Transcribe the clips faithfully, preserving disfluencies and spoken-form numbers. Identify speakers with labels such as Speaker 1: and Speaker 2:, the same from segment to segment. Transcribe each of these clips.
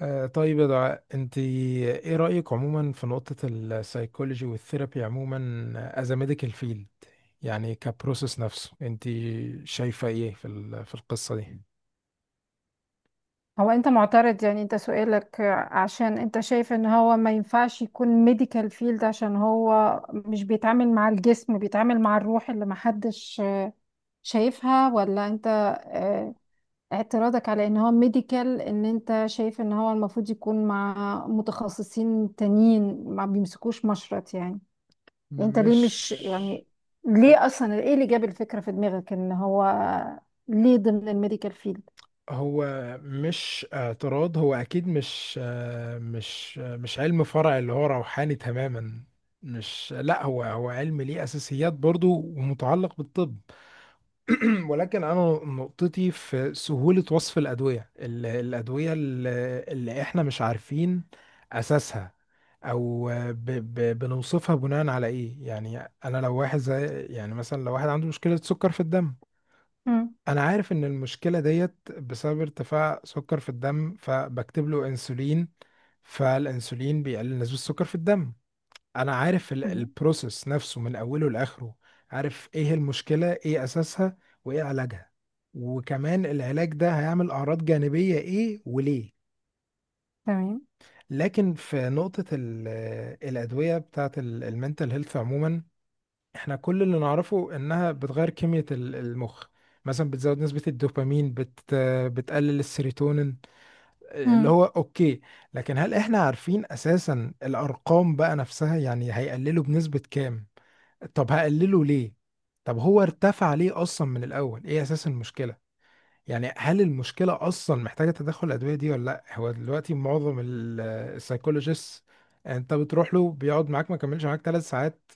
Speaker 1: آه، طيب، يا دعاء، انت ايه رأيك عموما في نقطة السايكولوجي والثيرابي عموما از ميديكال فيلد؟ يعني كبروسيس نفسه، انت شايفة ايه في ال- في القصة دي؟
Speaker 2: هو انت معترض؟ يعني انت سؤالك عشان انت شايف ان هو ما ينفعش يكون ميديكال فيلد، عشان هو مش بيتعامل مع الجسم، بيتعامل مع الروح اللي محدش شايفها؟ ولا انت اه، اعتراضك على ان هو ميديكال ان انت شايف ان هو المفروض يكون مع متخصصين تانيين ما بيمسكوش مشرط، يعني؟ انت ليه؟
Speaker 1: مش
Speaker 2: مش يعني ليه اصلا؟ ايه اللي جاب الفكرة في دماغك ان هو ليه ضمن الميديكال فيلد؟
Speaker 1: هو مش اعتراض. هو اكيد مش، آه، مش آه، مش علم فرع اللي هو روحاني تماما. مش لا، هو هو علم ليه اساسيات برضو ومتعلق بالطب. ولكن انا نقطتي في سهولة وصف الأدوية، ال- الأدوية ال- اللي احنا مش عارفين أساسها، او ب ب بنوصفها بناء على ايه يعني. انا لو واحد زي يعني مثلا لو واحد عنده مشكلة سكر في الدم،
Speaker 2: مم.
Speaker 1: انا عارف ان المشكلة ديت بسبب ارتفاع سكر في الدم، فبكتب له انسولين. فالانسولين بيقلل نسبة السكر في الدم. انا عارف ال- البروسيس نفسه من اوله لاخره، عارف ايه هي المشكله، ايه اساسها، وايه علاجها، وكمان العلاج ده هيعمل اعراض جانبيه ايه وليه.
Speaker 2: تمام.
Speaker 1: لكن في نقطه ال- الادويه بتاعه المنتل هيلث عموما، احنا كل اللي نعرفه انها بتغير كميه ال- المخ. مثلا بتزود نسبه الدوبامين، بت بتقلل السيروتونين، اللي
Speaker 2: تمام
Speaker 1: هو اوكي. لكن هل احنا عارفين اساسا الارقام بقى نفسها، يعني هيقللوا بنسبه كام؟ طب هقلله ليه؟ طب هو ارتفع ليه اصلا من الاول؟ ايه اساس المشكله؟ يعني هل المشكله اصلا محتاجه تدخل الادويه دي ولا لا؟ هو دلوقتي معظم السايكولوجيست انت بتروح له بيقعد معاك ما كملش معاك ثلاث ساعات،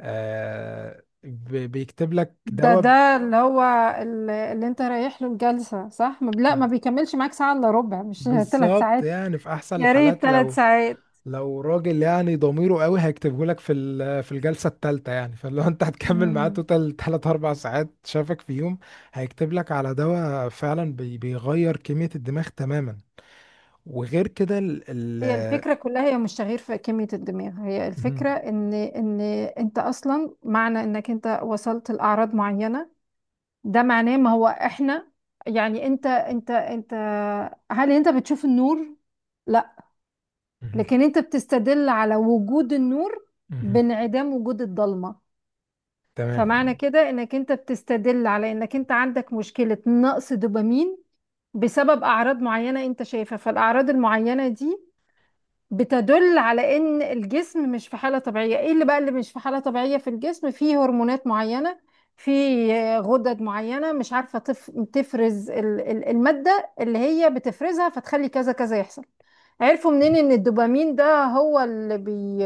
Speaker 1: آه، بي- بيكتب لك
Speaker 2: ده
Speaker 1: دواء.
Speaker 2: ده اللي هو ال- اللي انت رايح له الجلسة، صح؟ ما- لا ما بيكملش معاك ساعة الا ربع، مش ثلاث
Speaker 1: بالظبط.
Speaker 2: ساعات.
Speaker 1: يعني في احسن
Speaker 2: يا ريت
Speaker 1: الحالات،
Speaker 2: ثلاث
Speaker 1: لو،
Speaker 2: ساعات.
Speaker 1: لو راجل يعني ضميره قوي هيكتبه لك في ال- في الجلسه الثالثه يعني. فلو انت هتكمل معاه
Speaker 2: مم.
Speaker 1: توتال ثلاث اربع ساعات، شافك في يوم هيكتب لك على دواء فعلا بي- بيغير كميه الدماغ تماما. وغير كده ال
Speaker 2: هي
Speaker 1: ال
Speaker 2: الفكرة كلها هي مش تغيير في كمية الدماغ، هي
Speaker 1: مهم.
Speaker 2: الفكرة ان ان انت اصلا، معنى انك انت وصلت لأعراض معينة، ده معناه، ما هو احنا، يعني انت انت انت، هل انت بتشوف النور؟ لا.
Speaker 1: مهم.
Speaker 2: لكن انت بتستدل على وجود النور
Speaker 1: مهم.
Speaker 2: بانعدام وجود الضلمة. فمعنى
Speaker 1: تمام.
Speaker 2: كده انك انت بتستدل على انك انت عندك مشكلة نقص دوبامين بسبب اعراض معينة انت شايفها. فالاعراض المعينة دي بتدل على ان الجسم مش في حالة طبيعية. ايه اللي بقى اللي مش في حالة طبيعية في الجسم؟ فيه هرمونات معينة، في غدد معينة مش عارفة تف... تفرز ال... ال- المادة اللي هي بتفرزها، فتخلي كذا كذا يحصل. عرفوا منين ان الدوبامين ده هو اللي بي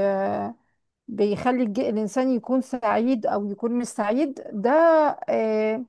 Speaker 2: بيخلي الج- الإنسان يكون سعيد أو يكون مش سعيد؟ ده آه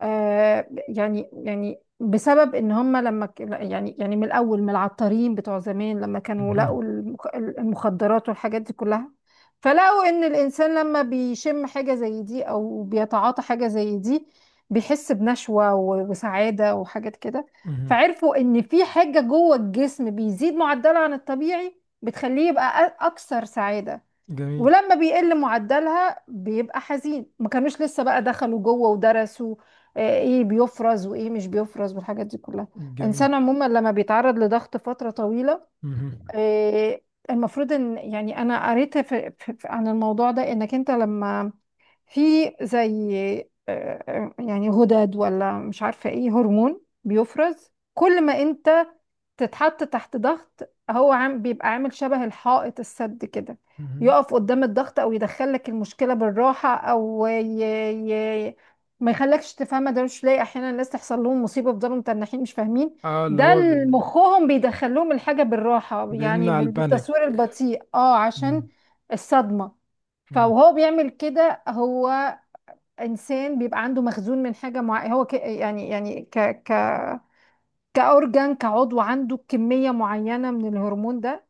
Speaker 2: آه يعني يعني بسبب إن هم لما ك- يعني يعني من الأول، من العطارين بتوع زمان، لما كانوا
Speaker 1: مهم.
Speaker 2: لقوا المخ- المخدرات والحاجات دي كلها، فلقوا إن الإنسان لما بيشم حاجة زي دي أو بيتعاطى حاجة زي دي، بيحس بنشوة و- وسعادة وحاجات كده.
Speaker 1: مهم.
Speaker 2: فعرفوا إن في حاجة جوه الجسم بيزيد معدله عن الطبيعي بتخليه يبقى أ- أكثر سعادة،
Speaker 1: جميل.
Speaker 2: ولما بيقل معدلها بيبقى حزين. ما كانوش لسه بقى دخلوا جوه ودرسوا آه، ايه بيفرز وايه مش بيفرز والحاجات دي كلها.
Speaker 1: جميل.
Speaker 2: الانسان عموما لما بيتعرض لضغط فترة طويلة،
Speaker 1: مهم.
Speaker 2: آه، المفروض ان، يعني انا قريت في في- في- عن الموضوع ده، انك انت لما في زي آه، آه، يعني غدد ولا مش عارفة ايه، هرمون بيفرز كل ما انت تتحط تحت ضغط، هو عام بيبقى عامل شبه الحائط السد كده،
Speaker 1: مهم.
Speaker 2: يقف قدام الضغط او يدخل لك المشكله بالراحه، او ي... ي... ما يخلكش تفهمها. ده مش لاقي احيانا الناس تحصل لهم مصيبه بيفضلوا متنحين مش فاهمين؟
Speaker 1: اه، اللي
Speaker 2: ده
Speaker 1: هو
Speaker 2: ال-
Speaker 1: بي-
Speaker 2: مخهم بيدخلهم الحاجه بالراحه، يعني
Speaker 1: بيمنع
Speaker 2: بال-
Speaker 1: البانيك.
Speaker 2: بالتصوير البطيء، اه، عشان
Speaker 1: مم.
Speaker 2: الصدمه.
Speaker 1: مم.
Speaker 2: فهو بيعمل كده. هو انسان بيبقى عنده مخزون من حاجه معينه، هو ك... يعني يعني ك... ك... كأورجان، كعضو، عنده كمية معينة من الهرمون ده.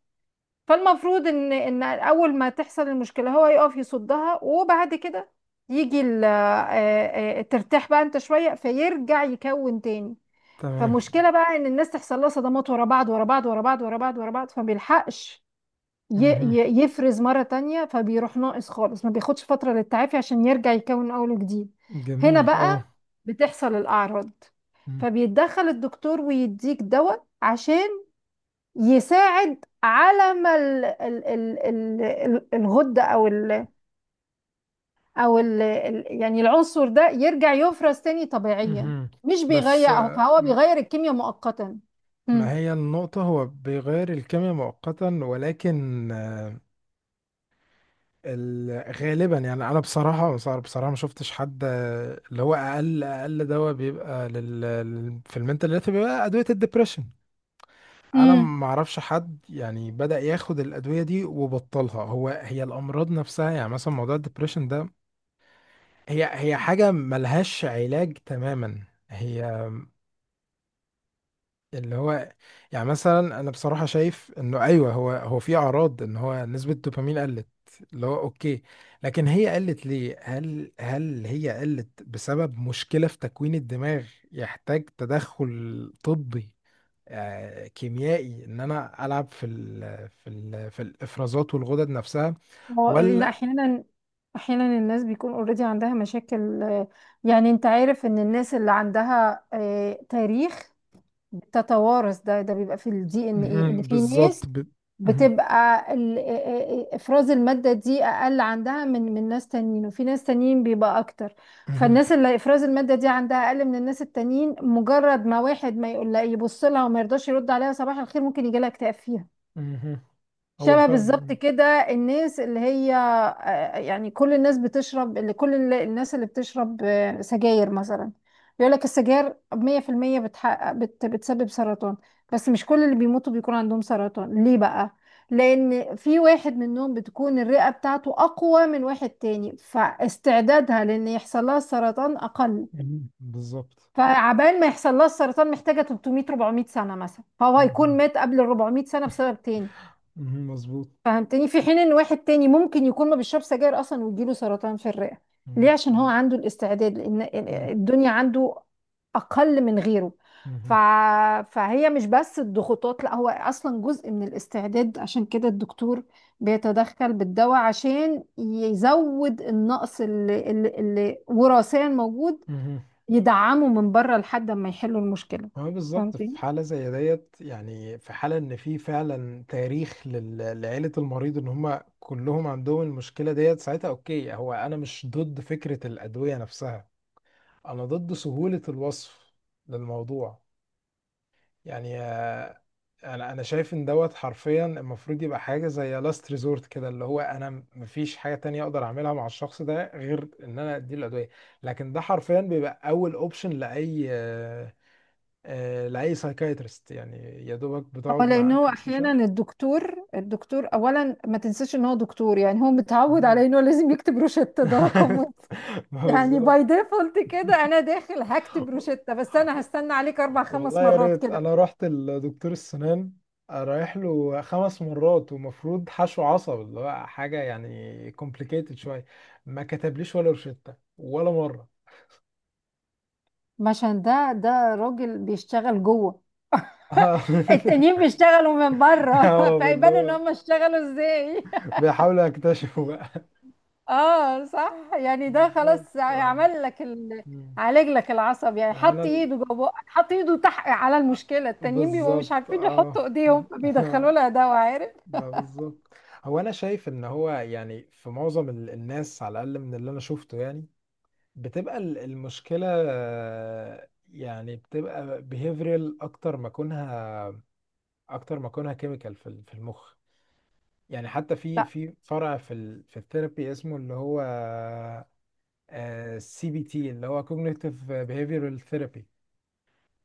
Speaker 2: فالمفروض ان ان اول ما تحصل المشكلة هو يقف يصدها، وبعد كده يجي ال- آه، آه، آه، ترتاح بقى انت شوية، فيرجع يكون تاني.
Speaker 1: تمام.
Speaker 2: فمشكلة بقى ان الناس تحصل لها صدمات ورا بعض ورا بعض ورا بعض ورا بعض ورا بعض، فما بيلحقش ي-
Speaker 1: مهم.
Speaker 2: ي- يفرز مرة تانية، فبيروح ناقص خالص، ما بياخدش فترة للتعافي عشان يرجع يكون من أول وجديد.
Speaker 1: جميل،
Speaker 2: هنا
Speaker 1: اه.
Speaker 2: بقى بتحصل الأعراض.
Speaker 1: مم.
Speaker 2: فبيتدخل الدكتور ويديك دواء عشان يساعد على ما ال ال ال ال ال- الغدة، أو ال أو ال ال- يعني العنصر ده يرجع يفرز تاني طبيعيا.
Speaker 1: مهم.
Speaker 2: مش
Speaker 1: بس،
Speaker 2: بيغير،
Speaker 1: آه،
Speaker 2: فهو
Speaker 1: م-
Speaker 2: بيغير الكيمياء مؤقتا.
Speaker 1: ما هي النقطة. هو بيغير الكيمياء مؤقتا، ولكن آه، ال- غالبا يعني أنا بصراحة بصراحة بصراحة ما شفتش حد، آه، اللي هو أقل، أقل دواء بيبقى لل... لل- في المنتال هيلث بيبقى أدوية الدبريشن. أنا
Speaker 2: مم.
Speaker 1: ما أعرفش حد يعني بدأ ياخد الأدوية دي وبطلها. هو هي الأمراض نفسها، يعني مثلا موضوع الدبريشن ده، هي هي حاجة ملهاش علاج تماما. هي اللي هو يعني مثلا انا بصراحه شايف انه ايوه، هو هو في اعراض ان هو نسبه الدوبامين قلت، اللي هو اوكي. لكن هي قلت ليه؟ هل هل هي قلت بسبب مشكله في تكوين الدماغ يحتاج تدخل طبي، آه، كيميائي، ان انا العب في ال في ال في الافرازات والغدد نفسها
Speaker 2: هو لان
Speaker 1: ولا؟
Speaker 2: احيانا، احيانا الناس بيكون اوريدي عندها مشاكل، آه، يعني انت عارف ان الناس اللي عندها آه، تاريخ بتتوارث، ده ده بيبقى في الدي ان ايه، ان
Speaker 1: مهم.
Speaker 2: في
Speaker 1: بالظبط.
Speaker 2: ناس
Speaker 1: ب... مهم.
Speaker 2: بتبقى ال- آه، آه، آه، افراز المادة دي اقل عندها من من ناس تانيين، وفي ناس تانيين بيبقى اكتر.
Speaker 1: مهم.
Speaker 2: فالناس اللي افراز المادة دي عندها اقل من الناس التانيين، مجرد ما واحد ما يقول لها، يبص لها وما يرضاش يرد عليها صباح الخير، ممكن يجي لها اكتئاب فيها،
Speaker 1: مهم. هو
Speaker 2: شبه بالظبط
Speaker 1: فعلا.
Speaker 2: كده. الناس اللي هي آه، يعني كل الناس بتشرب، اللي كل ال- الناس اللي بتشرب آه، سجاير مثلا، بيقول لك السجاير مية في المية بتحقق بت بتسبب سرطان، بس مش كل اللي بيموتوا بيكون عندهم سرطان. ليه بقى؟ لأن في واحد منهم بتكون الرئة بتاعته أقوى من واحد تاني، فاستعدادها لأن يحصل لها السرطان أقل.
Speaker 1: مهم. بالظبط.
Speaker 2: فعبال ما يحصل لها السرطان محتاجة ثلاث مئة اربعمية سنة مثلا، فهو هيكون
Speaker 1: مهم.
Speaker 2: مات قبل ال اربعمية سنة بسبب تاني،
Speaker 1: مهم. مظبوط.
Speaker 2: فهمتني؟ في حين ان واحد تاني ممكن يكون ما بيشرب سجاير اصلا ويجيله سرطان في الرئة.
Speaker 1: مم.
Speaker 2: ليه؟ عشان هو عنده الاستعداد لان
Speaker 1: مم.
Speaker 2: الدنيا عنده اقل من غيره. ف...
Speaker 1: مم.
Speaker 2: فهي مش بس الضغوطات، لا، هو اصلا جزء من الاستعداد. عشان كده الدكتور بيتدخل بالدواء عشان يزود النقص اللي, اللي, اللي وراثيا موجود،
Speaker 1: مم.
Speaker 2: يدعمه من بره لحد ما يحلوا المشكلة،
Speaker 1: هو بالظبط في
Speaker 2: فهمتني؟
Speaker 1: حالة زي ديت. يعني في حالة ان في فعلا تاريخ لل- لعيلة المريض ان هم كلهم عندهم المشكلة ديت، ساعتها اوكي. هو انا مش ضد فكرة الأدوية نفسها، انا ضد سهولة الوصف للموضوع. يعني انا انا شايف ان دوت حرفيا المفروض يبقى حاجه زي لاست ريزورت كده، اللي هو انا م- مفيش حاجه تانية اقدر اعملها مع الشخص ده غير ان انا اديله الادويه. لكن ده حرفيا بيبقى اول اوبشن لاي، آه، آه، لاي سايكايترست يعني. يا دوبك
Speaker 2: اه،
Speaker 1: بتقعد
Speaker 2: لان
Speaker 1: معاه
Speaker 2: هو
Speaker 1: كام
Speaker 2: احيانا
Speaker 1: سيشن.
Speaker 2: الدكتور، الدكتور اولا ما تنساش ان هو دكتور، يعني هو متعود
Speaker 1: مم.
Speaker 2: على انه لازم يكتب روشتة، ده رقم واحد.
Speaker 1: ما
Speaker 2: يعني
Speaker 1: بالظبط.
Speaker 2: باي ديفولت كده، انا داخل هكتب روشتة، بس انا هستنى عليك اربع خمس
Speaker 1: والله يا
Speaker 2: مرات
Speaker 1: ريت.
Speaker 2: كده.
Speaker 1: انا رحت لدكتور السنان رايح له خمس مرات، ومفروض حشو عصب اللي هو حاجه يعني كومبليكيتد شويه، ما كتبليش ولا روشته ولا مره.
Speaker 2: عشان ده ده راجل بيشتغل جوه،
Speaker 1: اه.
Speaker 2: التانيين بيشتغلوا من بره
Speaker 1: آه، اللي
Speaker 2: فيبان ان
Speaker 1: هو
Speaker 2: هم اشتغلوا ازاي.
Speaker 1: بيحاولوا يكتشفوا بقى.
Speaker 2: اه صح. يعني ده
Speaker 1: بالظبط،
Speaker 2: خلاص
Speaker 1: اه.
Speaker 2: عمل لك ال...
Speaker 1: مم.
Speaker 2: عالج لك العصب، يعني
Speaker 1: انا
Speaker 2: حط
Speaker 1: ال...
Speaker 2: ايده جوه بقك، حط ايده تحت على المشكله. التانيين بيبقوا مش
Speaker 1: بالظبط،
Speaker 2: عارفين
Speaker 1: اه.
Speaker 2: يحطوا ايديهم، فبيدخلوا لها دواء، عارف.
Speaker 1: ما بالظبط. هو انا شايف ان هو يعني في معظم ال- الناس على الاقل من اللي انا شفته يعني، بتبقى ال- المشكلة، آه، يعني بتبقى behavioral أكتر ما كونها، أكتر ما كونها chemical في ال- في المخ. يعني حتى في
Speaker 2: لا،
Speaker 1: في فرع في ال في الثيرابي اسمه اللي هو سي بي تي، اللي هو cognitive behavioral therapy.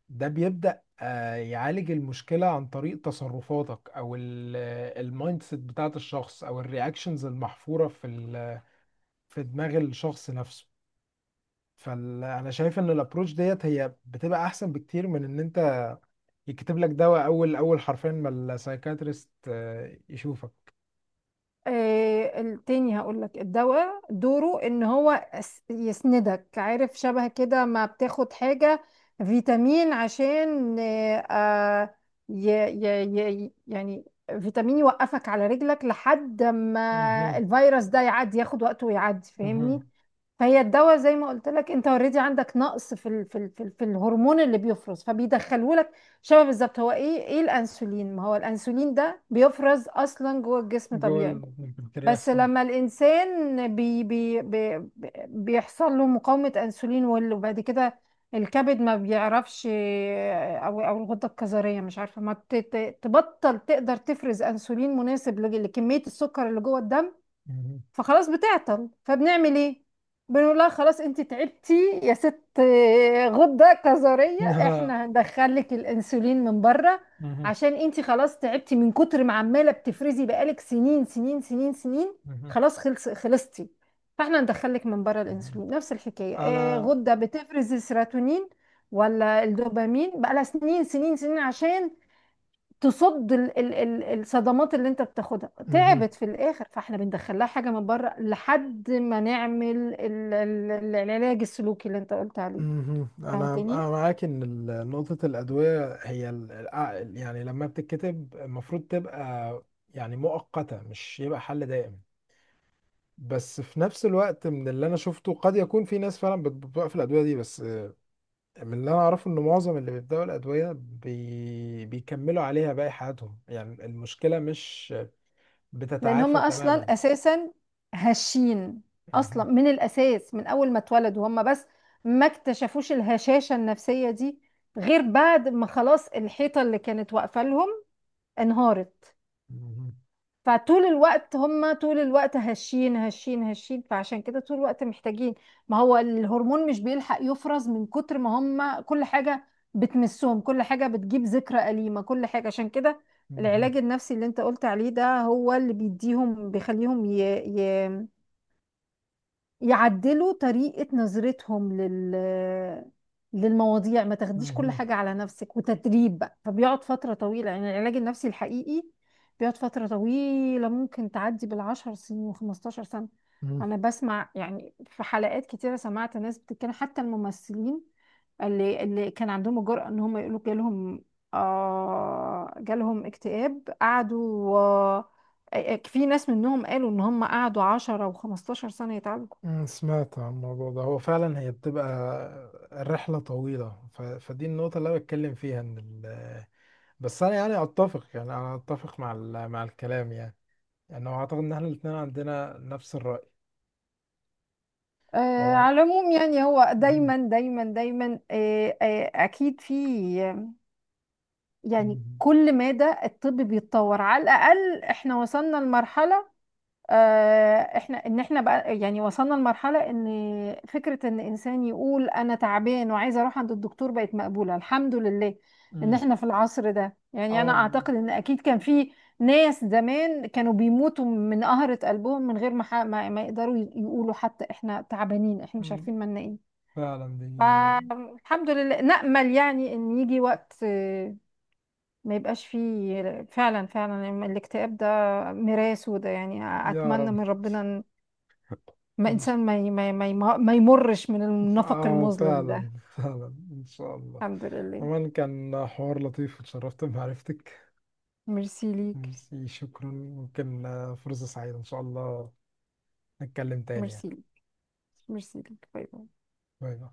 Speaker 1: ده بيبدأ، آه، يعالج المشكلة عن طريق تصرفاتك أو المايند سيت بتاعت الشخص أو الرياكشنز المحفورة في ال- في دماغ الشخص نفسه. فانا شايف ان الابروش ديت هي بتبقى احسن بكتير من ان انت يكتب لك دواء اول، اول حرفين ما السايكاتريست، آه، يشوفك.
Speaker 2: إيه التاني؟ هقول لك الدواء دوره ان هو يس- يسندك، عارف؟ شبه كده ما بتاخد حاجه فيتامين عشان إيه، آه ي... ي... ي... يعني فيتامين يوقفك على رجلك لحد ما
Speaker 1: مهم.
Speaker 2: الفيروس ده يعدي، ياخد وقته ويعدي، فاهمني؟
Speaker 1: مهم.
Speaker 2: فهي الدواء، زي ما قلت لك، انت اوريدي عندك نقص في ال في ال في, ال في الهرمون اللي بيفرز، فبيدخلوا لك، شبه بالظبط. هو ايه ايه الانسولين؟ ما هو الانسولين ده بيفرز اصلا جوه الجسم
Speaker 1: جوه
Speaker 2: طبيعي، بس
Speaker 1: البنكرياس، اه.
Speaker 2: لما الانسان بي بي بي بي- بيحصل له مقاومة انسولين، وال- وبعد كده الكبد ما بيعرفش، او او الغدة الكظرية مش عارفة، ما ت- ت- تبطل تقدر تفرز انسولين مناسب لج- لكمية السكر اللي جوه الدم،
Speaker 1: مهم.
Speaker 2: فخلاص بتعطل. فبنعمل ايه؟ بنقول لها خلاص انت تعبتي يا ست آه، غدة كظرية،
Speaker 1: مهم.
Speaker 2: احنا هندخل لك الانسولين من بره عشان انت خلاص تعبتي من كتر ما عمالة بتفرزي، بقالك سنين سنين سنين سنين،
Speaker 1: مهم.
Speaker 2: خلاص، خلص خلصتي. فاحنا هندخل لك من بره
Speaker 1: مهم.
Speaker 2: الانسولين. نفس الحكاية، آه،
Speaker 1: انا.
Speaker 2: غدة بتفرز السيروتونين ولا الدوبامين بقالها سنين سنين سنين عشان تصد ال- ال- ال- الصدمات اللي انت بتاخدها،
Speaker 1: مهم.
Speaker 2: تعبت في الاخر، فاحنا بندخلها حاجه من بره لحد ما نعمل ال- ال- ال- العلاج السلوكي اللي انت قلت عليه،
Speaker 1: مهم. انا
Speaker 2: فهمتني؟
Speaker 1: انا معاك ان ال- نقطة الادوية هي ال- الع- يعني لما بتتكتب المفروض تبقى يعني مؤقتة، مش يبقى حل دائم. بس في نفس الوقت، من اللي انا شفته قد يكون في ناس فعلا بت- بتوقف الادويه دي. بس، آه، من اللي انا اعرفه ان معظم اللي بيبداوا الادويه بي... بيكملوا عليها باقي حياتهم. يعني المشكله مش
Speaker 2: لان هم
Speaker 1: بتتعافى تماما.
Speaker 2: اصلا اساسا هشين اصلا،
Speaker 1: مهم.
Speaker 2: من الاساس، من اول ما اتولدوا هم، بس ما اكتشفوش الهشاشه النفسيه دي غير بعد ما خلاص الحيطه اللي كانت واقفه لهم انهارت.
Speaker 1: مهم.
Speaker 2: فطول الوقت هم، طول الوقت هشين هشين هشين، فعشان كده طول الوقت محتاجين، ما هو الهرمون مش بيلحق يفرز من كتر ما هم، كل حاجة بتمسهم، كل حاجة بتجيب ذكرى أليمة، كل حاجة. عشان كده
Speaker 1: مهم.
Speaker 2: العلاج النفسي اللي انت قلت عليه ده هو اللي بيديهم، بيخليهم ي... ي... يعدلوا طريقة نظرتهم لل للمواضيع، ما تاخديش كل
Speaker 1: مهم.
Speaker 2: حاجة على نفسك، وتدريب بقى. فبيقعد فترة طويلة، يعني العلاج النفسي الحقيقي بيقعد فترة طويلة، ممكن تعدي بالعشر سنين وخمستاشر سنة.
Speaker 1: مهم.
Speaker 2: أنا بسمع يعني في حلقات كتيرة، سمعت ناس بتتكلم، حتى الممثلين اللي اللي كان عندهم الجرأة إن هم يقولوا جالهم آه، جالهم اكتئاب، قعدوا آه آه، في ناس منهم قالوا إن هم قعدوا عشرة وخمستاشر سنة يتعالجوا.
Speaker 1: مم. سمعت عن الموضوع ده. هو فعلا هي بتبقى الرحله طويله. ف... فدي النقطه اللي انا بتكلم فيها ان ال... بس انا يعني اتفق. يعني انا اتفق مع ال... مع الكلام يعني. يعني هو اعتقد ان احنا الاثنين عندنا نفس الرأي.
Speaker 2: آه،
Speaker 1: هو.
Speaker 2: على العموم، يعني هو
Speaker 1: مم.
Speaker 2: دايما دايما دايما، آه، آه، اكيد في، يعني
Speaker 1: مم.
Speaker 2: كل مدى الطب بيتطور. على الاقل احنا وصلنا لمرحله، آه، احنا ان احنا بقى يعني وصلنا لمرحله ان فكره ان انسان يقول انا تعبان وعايز اروح عند الدكتور بقت مقبوله، الحمد لله ان
Speaker 1: مم.
Speaker 2: احنا في العصر ده. يعني انا
Speaker 1: اه.
Speaker 2: اعتقد ان اكيد كان في ناس زمان كانوا بيموتوا من قهرة قلبهم من غير ما ح- ما ما يقدروا يقولوا حتى احنا تعبانين، احنا مش
Speaker 1: مم.
Speaker 2: عارفين مالنا ايه.
Speaker 1: فعلا دي.
Speaker 2: فالحمد لله، نأمل يعني إن يجي وقت آه، ما يبقاش فيه فعلا، فعلا يعني الاكتئاب ده ميراث وده، يعني
Speaker 1: يا
Speaker 2: أتمنى
Speaker 1: رب.
Speaker 2: من ربنا إن ما
Speaker 1: إن ش-
Speaker 2: إنسان ما ي- ما ي- ما ي- ما يمرش من النفق
Speaker 1: اه،
Speaker 2: المظلم ده.
Speaker 1: فعلا، فعلا ان شاء الله.
Speaker 2: الحمد لله.
Speaker 1: عموما كان حوار لطيف، وتشرفت بمعرفتك.
Speaker 2: ميرسي ليك
Speaker 1: ميرسي، شكرا. ممكن، آه، فرصة سعيدة ان شاء الله نتكلم تاني يعني.
Speaker 2: ميرسي ليك ميرسي ليك، باي باي.
Speaker 1: باي باي.